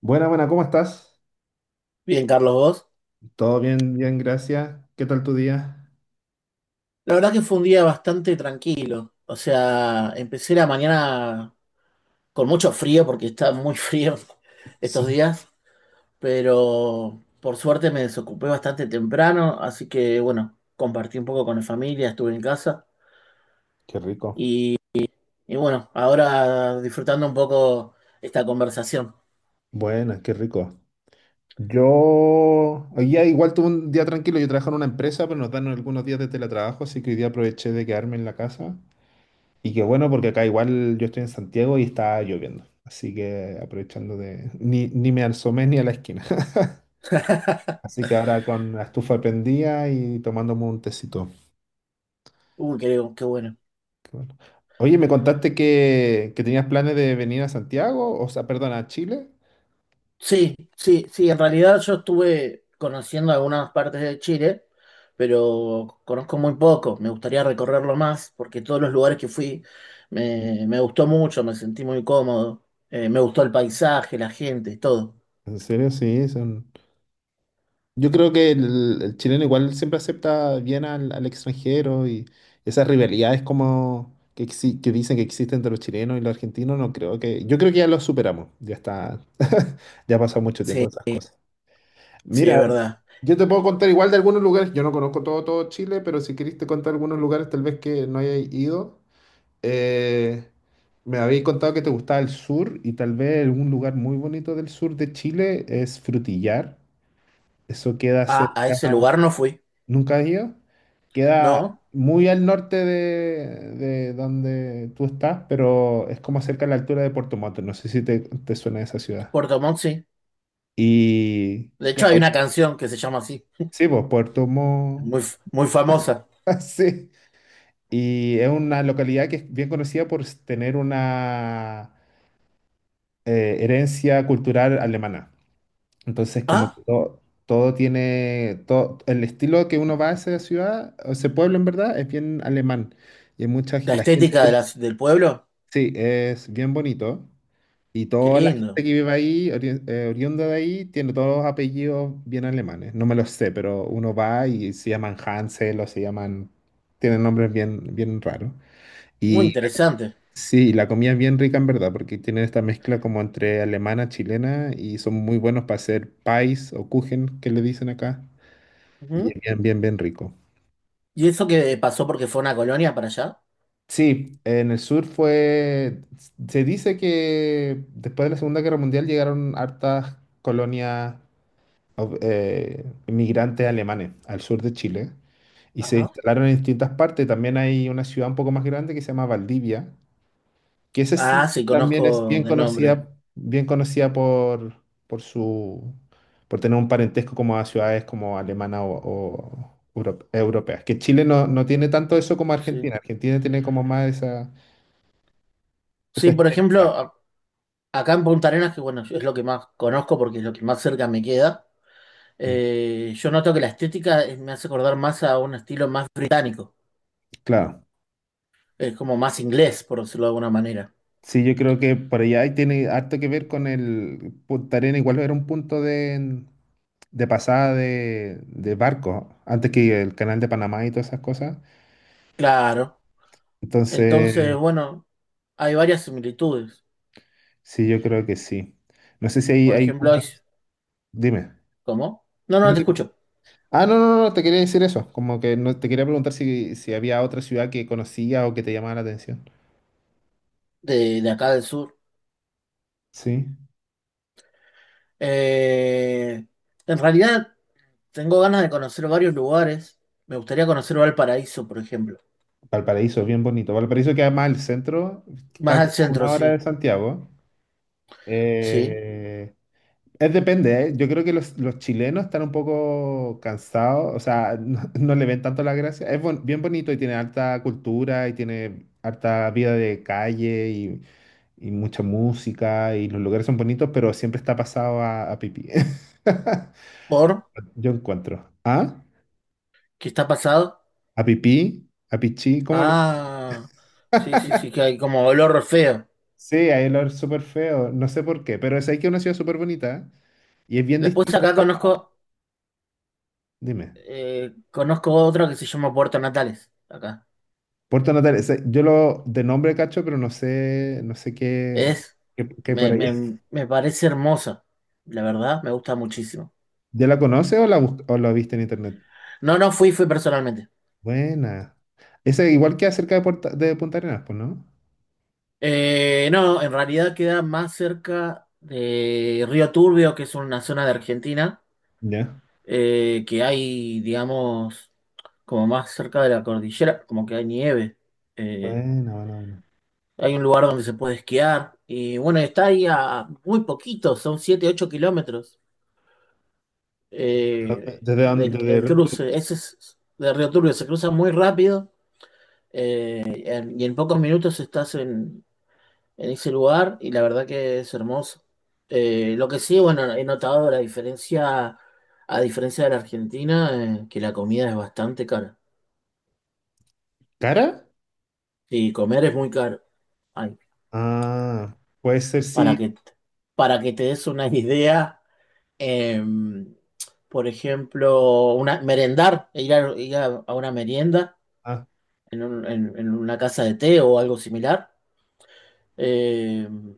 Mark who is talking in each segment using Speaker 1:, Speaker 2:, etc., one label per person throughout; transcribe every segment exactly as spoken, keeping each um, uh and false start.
Speaker 1: Buena, buena, ¿cómo estás?
Speaker 2: Bien, Carlos, vos.
Speaker 1: Todo bien, bien, gracias. ¿Qué tal tu día?
Speaker 2: La verdad que fue un día bastante tranquilo. O sea, empecé la mañana con mucho frío porque está muy frío estos
Speaker 1: Sí,
Speaker 2: días, pero por suerte me desocupé bastante temprano, así que bueno, compartí un poco con la familia, estuve en casa
Speaker 1: qué rico.
Speaker 2: y, y bueno, ahora disfrutando un poco esta conversación.
Speaker 1: Buena, qué rico. Yo hoy día igual tuve un día tranquilo. Yo trabajo en una empresa, pero nos dan algunos días de teletrabajo, así que hoy día aproveché de quedarme en la casa. Y qué bueno, porque acá igual yo estoy en Santiago y está lloviendo. Así que aprovechando de... Ni, ni me asomé ni a la esquina. Así que ahora con la estufa prendida y tomándome un tecito.
Speaker 2: Uh, qué, qué bueno.
Speaker 1: Qué bueno. Oye, me contaste que, que tenías planes de venir a Santiago, o sea, perdón, a Chile.
Speaker 2: Sí, sí, sí, en realidad yo estuve conociendo algunas partes de Chile, pero conozco muy poco, me gustaría recorrerlo más porque todos los lugares que fui me, me gustó mucho, me sentí muy cómodo, eh, me gustó el paisaje, la gente, todo.
Speaker 1: En serio, sí, son... Yo creo que el, el chileno igual siempre acepta bien al, al extranjero, y esas rivalidades como que, exi- que dicen que existen entre los chilenos y los argentinos, no creo que... Yo creo que ya lo superamos, ya está, ya ha pasado mucho tiempo
Speaker 2: Sí,
Speaker 1: de esas cosas.
Speaker 2: sí, es
Speaker 1: Mira,
Speaker 2: verdad.
Speaker 1: yo te puedo contar igual de algunos lugares, yo no conozco todo, todo Chile, pero si querés te contar algunos lugares tal vez que no hayas ido. Eh, Me habéis contado que te gustaba el sur, y tal vez algún lugar muy bonito del sur de Chile es Frutillar. Eso queda
Speaker 2: A, a ese
Speaker 1: cerca,
Speaker 2: lugar no fui,
Speaker 1: ¿nunca has ido? Queda
Speaker 2: ¿no?
Speaker 1: muy al norte de, de donde tú estás, pero es como cerca a la altura de Puerto Montt. No sé si te, te suena esa ciudad.
Speaker 2: Puerto Montt sí.
Speaker 1: Y
Speaker 2: De hecho hay
Speaker 1: claro,
Speaker 2: una canción que se llama así,
Speaker 1: sí, pues Puerto Montt,
Speaker 2: muy, f- muy famosa.
Speaker 1: sí. Y es una localidad que es bien conocida por tener una eh, herencia cultural alemana. Entonces, como que
Speaker 2: Ah,
Speaker 1: todo, todo tiene, todo, el estilo que uno va a esa ciudad, o ese pueblo en verdad, es bien alemán. Y hay mucha, g-
Speaker 2: la
Speaker 1: la gente,
Speaker 2: estética de las- del pueblo,
Speaker 1: sí, es bien bonito. Y
Speaker 2: qué
Speaker 1: toda la gente
Speaker 2: lindo,
Speaker 1: que vive ahí, ori- eh, oriunda de ahí, tiene todos los apellidos bien alemanes. No me los sé, pero uno va y se llaman Hansel, o se llaman, tienen nombres bien, bien raros.
Speaker 2: muy interesante.
Speaker 1: Sí, la comida es bien rica en verdad, porque tienen esta mezcla como entre alemana, chilena, y son muy buenos para hacer pies o kuchen, que le dicen acá, y es bien, bien, bien rico.
Speaker 2: ¿Y eso que pasó porque fue una colonia para allá?
Speaker 1: Sí, en el sur fue, se dice que después de la Segunda Guerra Mundial llegaron hartas colonias of- eh, inmigrantes alemanes al sur de Chile, y se
Speaker 2: Ajá.
Speaker 1: instalaron en distintas partes. También hay una ciudad un poco más grande que se llama Valdivia. Que ese
Speaker 2: Ah,
Speaker 1: sí
Speaker 2: sí,
Speaker 1: también es
Speaker 2: conozco
Speaker 1: bien
Speaker 2: de nombre.
Speaker 1: conocida, bien conocida por, por su, por tener un parentesco como a ciudades como alemana, o, o euro- europeas. Que Chile no, no tiene tanto eso como
Speaker 2: Sí.
Speaker 1: Argentina. Argentina tiene como más esa, esa,
Speaker 2: Sí, por ejemplo,
Speaker 1: estética.
Speaker 2: a- acá en Punta Arenas, que bueno, es lo que más conozco porque es lo que más cerca me queda,
Speaker 1: Mm,
Speaker 2: eh, yo noto que la estética eh, me hace acordar más a un estilo más británico.
Speaker 1: claro.
Speaker 2: Es como más inglés, por decirlo de alguna manera.
Speaker 1: Sí, yo creo que por allá ahí tiene harto que ver con el Punta Arenas, igual era un punto de, de pasada de, de barco, antes que el canal de Panamá y todas esas cosas.
Speaker 2: Claro.
Speaker 1: Entonces,
Speaker 2: Entonces, bueno, hay varias similitudes.
Speaker 1: sí, yo creo que sí. No sé si hay,
Speaker 2: Por
Speaker 1: hay
Speaker 2: ejemplo,
Speaker 1: una-
Speaker 2: hay.
Speaker 1: Dime.
Speaker 2: ¿Cómo? No, no, te escucho.
Speaker 1: Ah, no, no, no, te quería decir eso. Como que no, te quería preguntar si, si había otra ciudad que conocías o que te llamaba la atención.
Speaker 2: De, de acá del sur.
Speaker 1: Sí.
Speaker 2: Eh, en realidad. Tengo ganas de conocer varios lugares. Me gustaría conocer Valparaíso, por ejemplo.
Speaker 1: Valparaíso, bien bonito. Valparaíso queda más al centro,
Speaker 2: Más
Speaker 1: está
Speaker 2: al
Speaker 1: como a
Speaker 2: centro,
Speaker 1: una hora de
Speaker 2: sí.
Speaker 1: Santiago.
Speaker 2: Sí.
Speaker 1: Eh, es depende, ¿eh? Yo creo que los, los chilenos están un poco cansados, o sea, no, no le ven tanto la gracia. Es bon- bien bonito, y tiene alta cultura y tiene harta vida de calle y mucha música y los lugares son bonitos, pero siempre está pasado a, a pipí.
Speaker 2: ¿Por?
Speaker 1: Yo encuentro. ¿Ah?
Speaker 2: ¿Qué está pasado?
Speaker 1: ¿A pipí? ¿A pichí? ¿Cómo le...?
Speaker 2: Ah, sí, sí, sí, que hay como olor feo.
Speaker 1: Sí, ahí lo es súper feo. No sé por qué, pero es ahí que es una ciudad súper bonita y es bien
Speaker 2: Después
Speaker 1: distinta.
Speaker 2: acá conozco,
Speaker 1: Dime.
Speaker 2: eh, conozco otra que se llama Puerto Natales. Acá.
Speaker 1: Puerto Natal, ese- yo lo de nombre cacho, pero no sé, no sé qué,
Speaker 2: Es,
Speaker 1: qué, qué hay por
Speaker 2: me,
Speaker 1: ahí.
Speaker 2: me, me parece hermosa. La verdad, me gusta muchísimo.
Speaker 1: ¿Ya la conoces, o la, bus- o la viste en internet?
Speaker 2: No, no fui, fui personalmente.
Speaker 1: Buena. Esa igual que acerca de, Puerta- de Punta Arenas, pues, ¿no?
Speaker 2: Eh, no, en realidad queda más cerca de Río Turbio, que es una zona de Argentina
Speaker 1: Ya.
Speaker 2: eh, que hay, digamos, como más cerca de la cordillera, como que hay nieve. Eh,
Speaker 1: Buena, buena, buena.
Speaker 2: hay un lugar donde se puede esquiar. Y bueno, está ahí a muy poquito, son siete ocho kilómetros
Speaker 1: ¿Dónde-
Speaker 2: eh,
Speaker 1: ¿Desde
Speaker 2: del
Speaker 1: dónde?
Speaker 2: el cruce. Ese es de Río Turbio, se cruza muy rápido eh, en- y en pocos minutos estás en, en ese lugar y la verdad que es hermoso. Eh, lo que sí, bueno, he notado la diferencia, a diferencia de la Argentina, eh, que la comida es bastante cara.
Speaker 1: ¿Cara?
Speaker 2: Sí, comer es muy caro. Ay,
Speaker 1: Ah, puede ser
Speaker 2: para
Speaker 1: sí.
Speaker 2: que, para que te des una idea, em, por ejemplo, una, merendar, ir a, ir a- a una merienda
Speaker 1: Ah,
Speaker 2: en, un- en- en una casa de té o algo similar, em,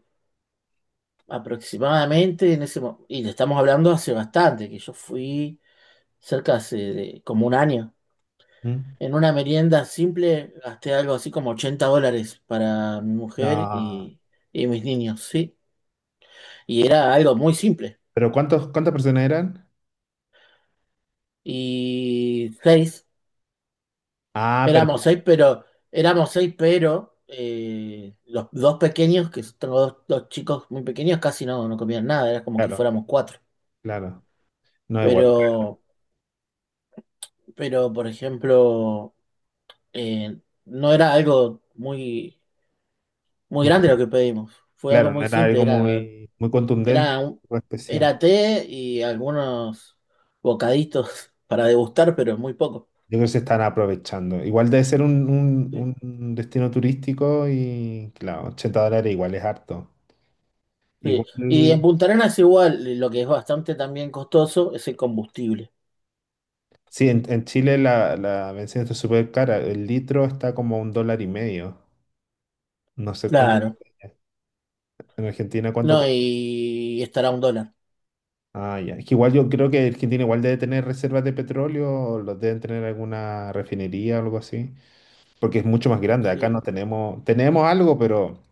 Speaker 2: aproximadamente en ese momento, y le estamos hablando hace bastante, que yo fui cerca hace de- como un año.
Speaker 1: mm.
Speaker 2: En una merienda simple gasté algo así como ochenta dólares para mi mujer
Speaker 1: No.
Speaker 2: y, y mis niños, ¿sí? Y era algo muy simple.
Speaker 1: ¿Pero cuántos, cuántas personas eran?
Speaker 2: Y seis,
Speaker 1: Ah, pero
Speaker 2: éramos seis, pero éramos seis, pero eh, los dos pequeños, que tengo dos, dos chicos muy pequeños, casi no, no comían nada, era como que
Speaker 1: claro,
Speaker 2: fuéramos cuatro.
Speaker 1: claro. No igual.
Speaker 2: Pero, pero por ejemplo, eh, no era algo muy, muy
Speaker 1: Muy
Speaker 2: grande lo
Speaker 1: con-
Speaker 2: que pedimos. Fue algo
Speaker 1: claro, no
Speaker 2: muy
Speaker 1: era
Speaker 2: simple,
Speaker 1: algo
Speaker 2: era,
Speaker 1: muy, muy contundente,
Speaker 2: era, un-
Speaker 1: muy especial.
Speaker 2: era té y algunos bocaditos para degustar, pero muy poco.
Speaker 1: Yo creo que se están aprovechando. Igual debe ser un, un- un destino turístico y, claro, ochenta dólares igual es harto.
Speaker 2: Sí.
Speaker 1: Igual,
Speaker 2: Y en Punta Arenas igual, eh, lo que es bastante también costoso es el combustible.
Speaker 1: sí, en, en Chile la, la bencina está súper cara. El litro está como un dólar y medio. No sé cuánto,
Speaker 2: Claro.
Speaker 1: en Argentina cuánto.
Speaker 2: No, y estará un dólar.
Speaker 1: Ah, ya. Es que igual yo creo que Argentina igual debe tener reservas de petróleo, o los deben tener en alguna refinería o algo así, porque es mucho más grande. Acá
Speaker 2: Sí.
Speaker 1: no tenemos, tenemos algo, pero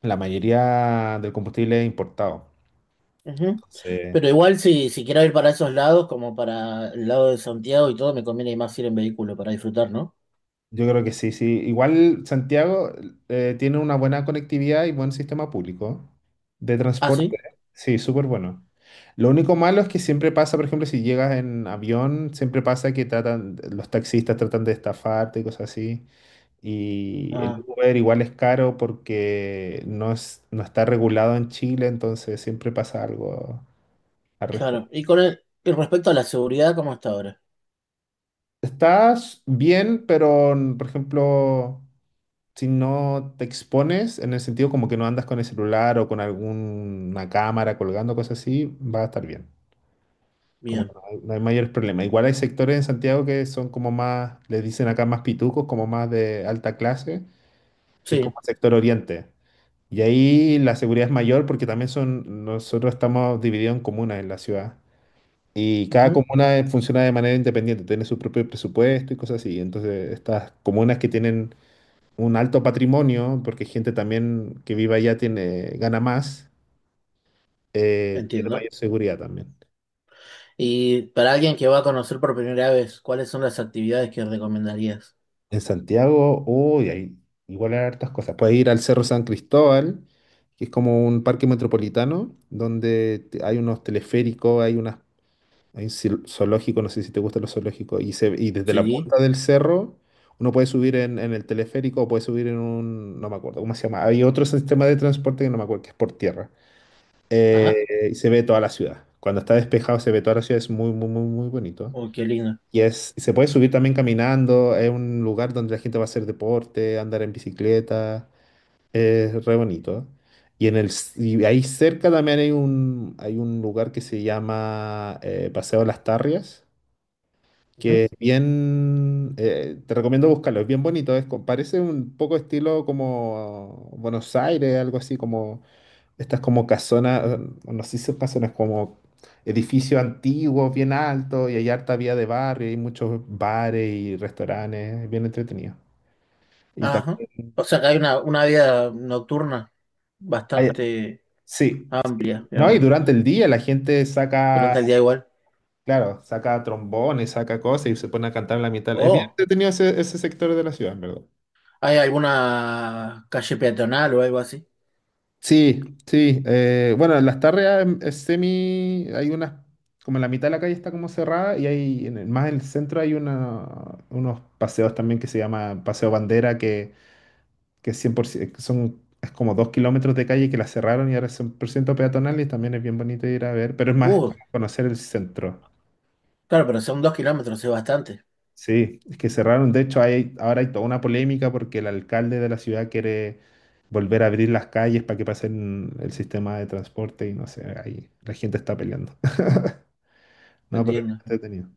Speaker 1: la mayoría del combustible es importado.
Speaker 2: Ujú. Pero
Speaker 1: Entonces,
Speaker 2: igual si, si quiero ir para esos lados, como para el lado de Santiago y todo, me conviene más ir en vehículo para disfrutar, ¿no?
Speaker 1: yo creo que sí, sí. Igual Santiago eh, tiene una buena conectividad y buen sistema público de
Speaker 2: Ah,
Speaker 1: transporte.
Speaker 2: sí.
Speaker 1: Sí, súper bueno. Lo único malo es que siempre pasa, por ejemplo, si llegas en avión, siempre pasa que tratan, los taxistas tratan de estafarte y cosas así. Y el
Speaker 2: Ah,
Speaker 1: Uber igual es caro porque no es, no está regulado en Chile, entonces siempre pasa algo al
Speaker 2: claro.
Speaker 1: respecto.
Speaker 2: Y con el, y respecto a la seguridad, ¿cómo está ahora?
Speaker 1: Estás bien, pero mm, por ejemplo, si no te expones, en el sentido como que no andas con el celular o con alguna cámara colgando, cosas así, va a estar bien. Como que
Speaker 2: Bien.
Speaker 1: no hay, no hay mayores problemas. Igual hay sectores en Santiago que son como más, les dicen acá más pitucos, como más de alta clase, que es
Speaker 2: Sí.
Speaker 1: como el sector oriente. Y ahí la seguridad es mayor porque también son, nosotros estamos divididos en comunas en la ciudad. Y cada
Speaker 2: Ujú.
Speaker 1: comuna eh, funciona de manera independiente, tiene su propio presupuesto y cosas así. Entonces, estas comunas que tienen un alto patrimonio, porque gente también que vive allá tiene, gana más, eh, tiene
Speaker 2: Entiendo.
Speaker 1: mayor seguridad también.
Speaker 2: Y para alguien que va a conocer por primera vez, ¿cuáles son las actividades que recomendarías?
Speaker 1: En Santiago, uy, hay, igual hay hartas cosas. Puedes ir al Cerro San Cristóbal, que es como un parque metropolitano, donde te- hay unos teleféricos, hay unas, Hay un zil- zoológico, no sé si te gustan los zoológicos. Y, se, y desde la
Speaker 2: Sí.
Speaker 1: punta del cerro uno puede subir en, en, el teleférico, o puede subir en un, no me acuerdo cómo se llama. Hay otro sistema de transporte que no me acuerdo, que es por tierra.
Speaker 2: Ajá.
Speaker 1: Eh, y se ve toda la ciudad. Cuando está despejado se ve toda la ciudad, es muy, muy, muy, muy bonito.
Speaker 2: Oh, qué lindo.
Speaker 1: Y es, se puede subir también caminando, es un lugar donde la gente va a hacer deporte, andar en bicicleta, es re bonito. Y, en el, s- y ahí cerca también hay un, hay un lugar que se llama eh, Paseo Las Tarrias, que es bien, eh, te recomiendo buscarlo, es bien bonito, es, co- parece un poco estilo como Buenos Aires, algo así, como estas como casonas, eh, no sé si son casonas, como edificios antiguos, bien altos, y hay harta vía de barrio, y hay muchos bares y restaurantes, es bien entretenido. Y
Speaker 2: Ajá.
Speaker 1: también
Speaker 2: O sea que hay una, una vida nocturna
Speaker 1: hay-
Speaker 2: bastante
Speaker 1: sí,
Speaker 2: amplia,
Speaker 1: ¿no? Y
Speaker 2: digamos,
Speaker 1: durante el día la gente saca,
Speaker 2: durante el día igual.
Speaker 1: claro, saca trombones, saca cosas y se pone a cantar en la mitad. Es bien
Speaker 2: Oh,
Speaker 1: entretenido ese, ese sector de la ciudad, en verdad.
Speaker 2: ¿hay alguna calle peatonal o algo así?
Speaker 1: Sí, sí. Eh, bueno, las tarreas em- es semi. Hay unas. Como en la mitad de la calle está como cerrada y hay. En el- más en el centro hay una, unos paseos también que se llama Paseo Bandera, que, que es cien por ciento, que son. Es como dos kilómetros de calle que la cerraron y ahora es cien por ciento peatonal, y también es bien bonito ir a ver, pero es más como
Speaker 2: Uh,
Speaker 1: conocer el centro.
Speaker 2: claro, pero son dos kilómetros, es bastante,
Speaker 1: Sí, es que cerraron. De hecho, hay, ahora hay toda una polémica porque el alcalde de la ciudad quiere volver a abrir las calles para que pasen el sistema de transporte, y no sé, ahí la gente está peleando. No, pero es
Speaker 2: entiendo.
Speaker 1: entretenido.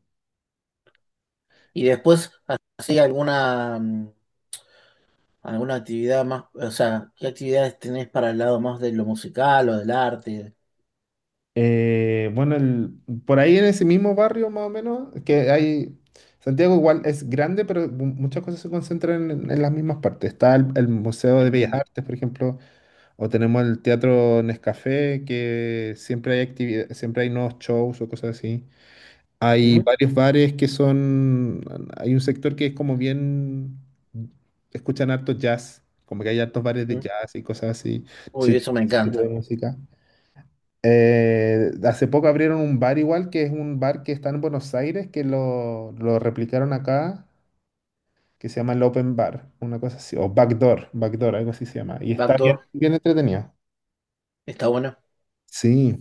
Speaker 2: Y después, ¿así alguna, mm, alguna actividad más? O sea, ¿qué actividades tenés para el lado más de lo musical o del arte?
Speaker 1: Eh, bueno, el- por ahí en ese mismo barrio más o menos, que hay, Santiago igual es grande, pero mu- muchas cosas se concentran en, en las mismas partes. Está el, el Museo de Bellas
Speaker 2: Entiendo.
Speaker 1: Artes, por ejemplo, o tenemos el Teatro Nescafé, que siempre hay actividad, siempre hay nuevos shows o cosas así. Hay
Speaker 2: Ujú,
Speaker 1: varios bares que son, hay un sector que es como bien, escuchan harto jazz, como que hay hartos bares de
Speaker 2: ujú.
Speaker 1: jazz y cosas así,
Speaker 2: Uy,
Speaker 1: ese
Speaker 2: eso
Speaker 1: tipo
Speaker 2: me
Speaker 1: ese tipo de
Speaker 2: encanta.
Speaker 1: música. Eh, hace poco abrieron un bar igual, que es un bar que está en Buenos Aires, que lo, lo replicaron acá, que se llama el Open Bar, una cosa así, o Backdoor, Backdoor, algo así se llama, y está bien,
Speaker 2: Backdoor,
Speaker 1: bien entretenido.
Speaker 2: está bueno.
Speaker 1: Sí.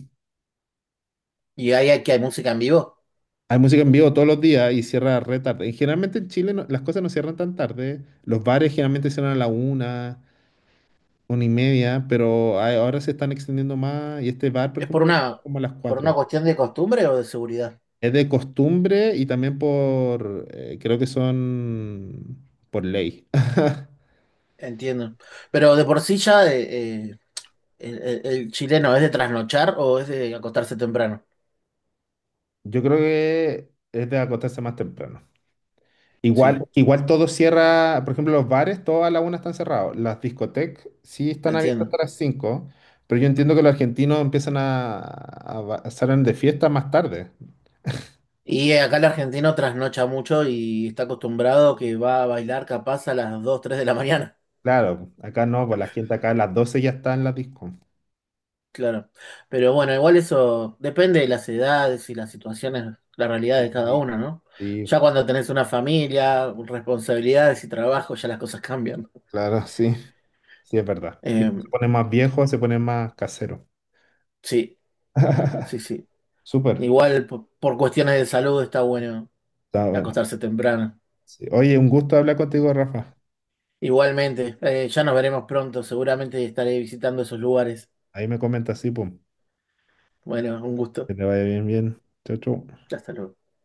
Speaker 2: ¿Y hay, que hay música en vivo?
Speaker 1: Hay música en vivo todos los días y cierra re tarde. Y generalmente en Chile no- las cosas no cierran tan tarde. Los bares generalmente cierran a la una, una y media, pero hay- ahora se están extendiendo más. Y este bar, por
Speaker 2: Es por
Speaker 1: ejemplo, cierra
Speaker 2: una,
Speaker 1: como a las
Speaker 2: por una
Speaker 1: cuatro.
Speaker 2: cuestión de costumbre o de seguridad,
Speaker 1: Es de costumbre y también por, eh, creo que son por ley.
Speaker 2: entiendo. Pero de por sí ya eh, eh, el, el- el chileno es de trasnochar o es de acostarse temprano.
Speaker 1: Yo creo que es de acostarse más temprano.
Speaker 2: Sí,
Speaker 1: Igual, igual todo cierra, por ejemplo, los bares, todos a la una están cerrados. Las discotecas sí están abiertas
Speaker 2: entiendo.
Speaker 1: hasta las cinco, pero yo entiendo que los argentinos empiezan a, a ba- salen de fiesta más tarde.
Speaker 2: Y acá el argentino trasnocha mucho y está acostumbrado que va a bailar capaz a las dos tres de la mañana.
Speaker 1: Claro, acá no, pues la gente acá a las doce ya está en la disco.
Speaker 2: Claro. Pero bueno, igual eso depende de las edades y las situaciones, la realidad de cada
Speaker 1: Sí,
Speaker 2: uno, ¿no?
Speaker 1: sí,
Speaker 2: Ya cuando tenés una familia, responsabilidades y trabajo, ya las cosas cambian.
Speaker 1: claro, sí, sí es verdad. Y
Speaker 2: Eh,
Speaker 1: pues se pone más viejo, se pone más casero.
Speaker 2: sí, sí, sí.
Speaker 1: Súper,
Speaker 2: Igual po- por cuestiones de salud está bueno
Speaker 1: está bueno.
Speaker 2: acostarse temprano.
Speaker 1: Sí. Oye, un gusto hablar contigo, Rafa.
Speaker 2: Igualmente, eh, ya nos veremos pronto. Seguramente estaré visitando esos lugares.
Speaker 1: Ahí me comenta, sí, pum.
Speaker 2: Bueno, un gusto.
Speaker 1: Que te vaya bien, bien. Chau, chau.
Speaker 2: Hasta luego.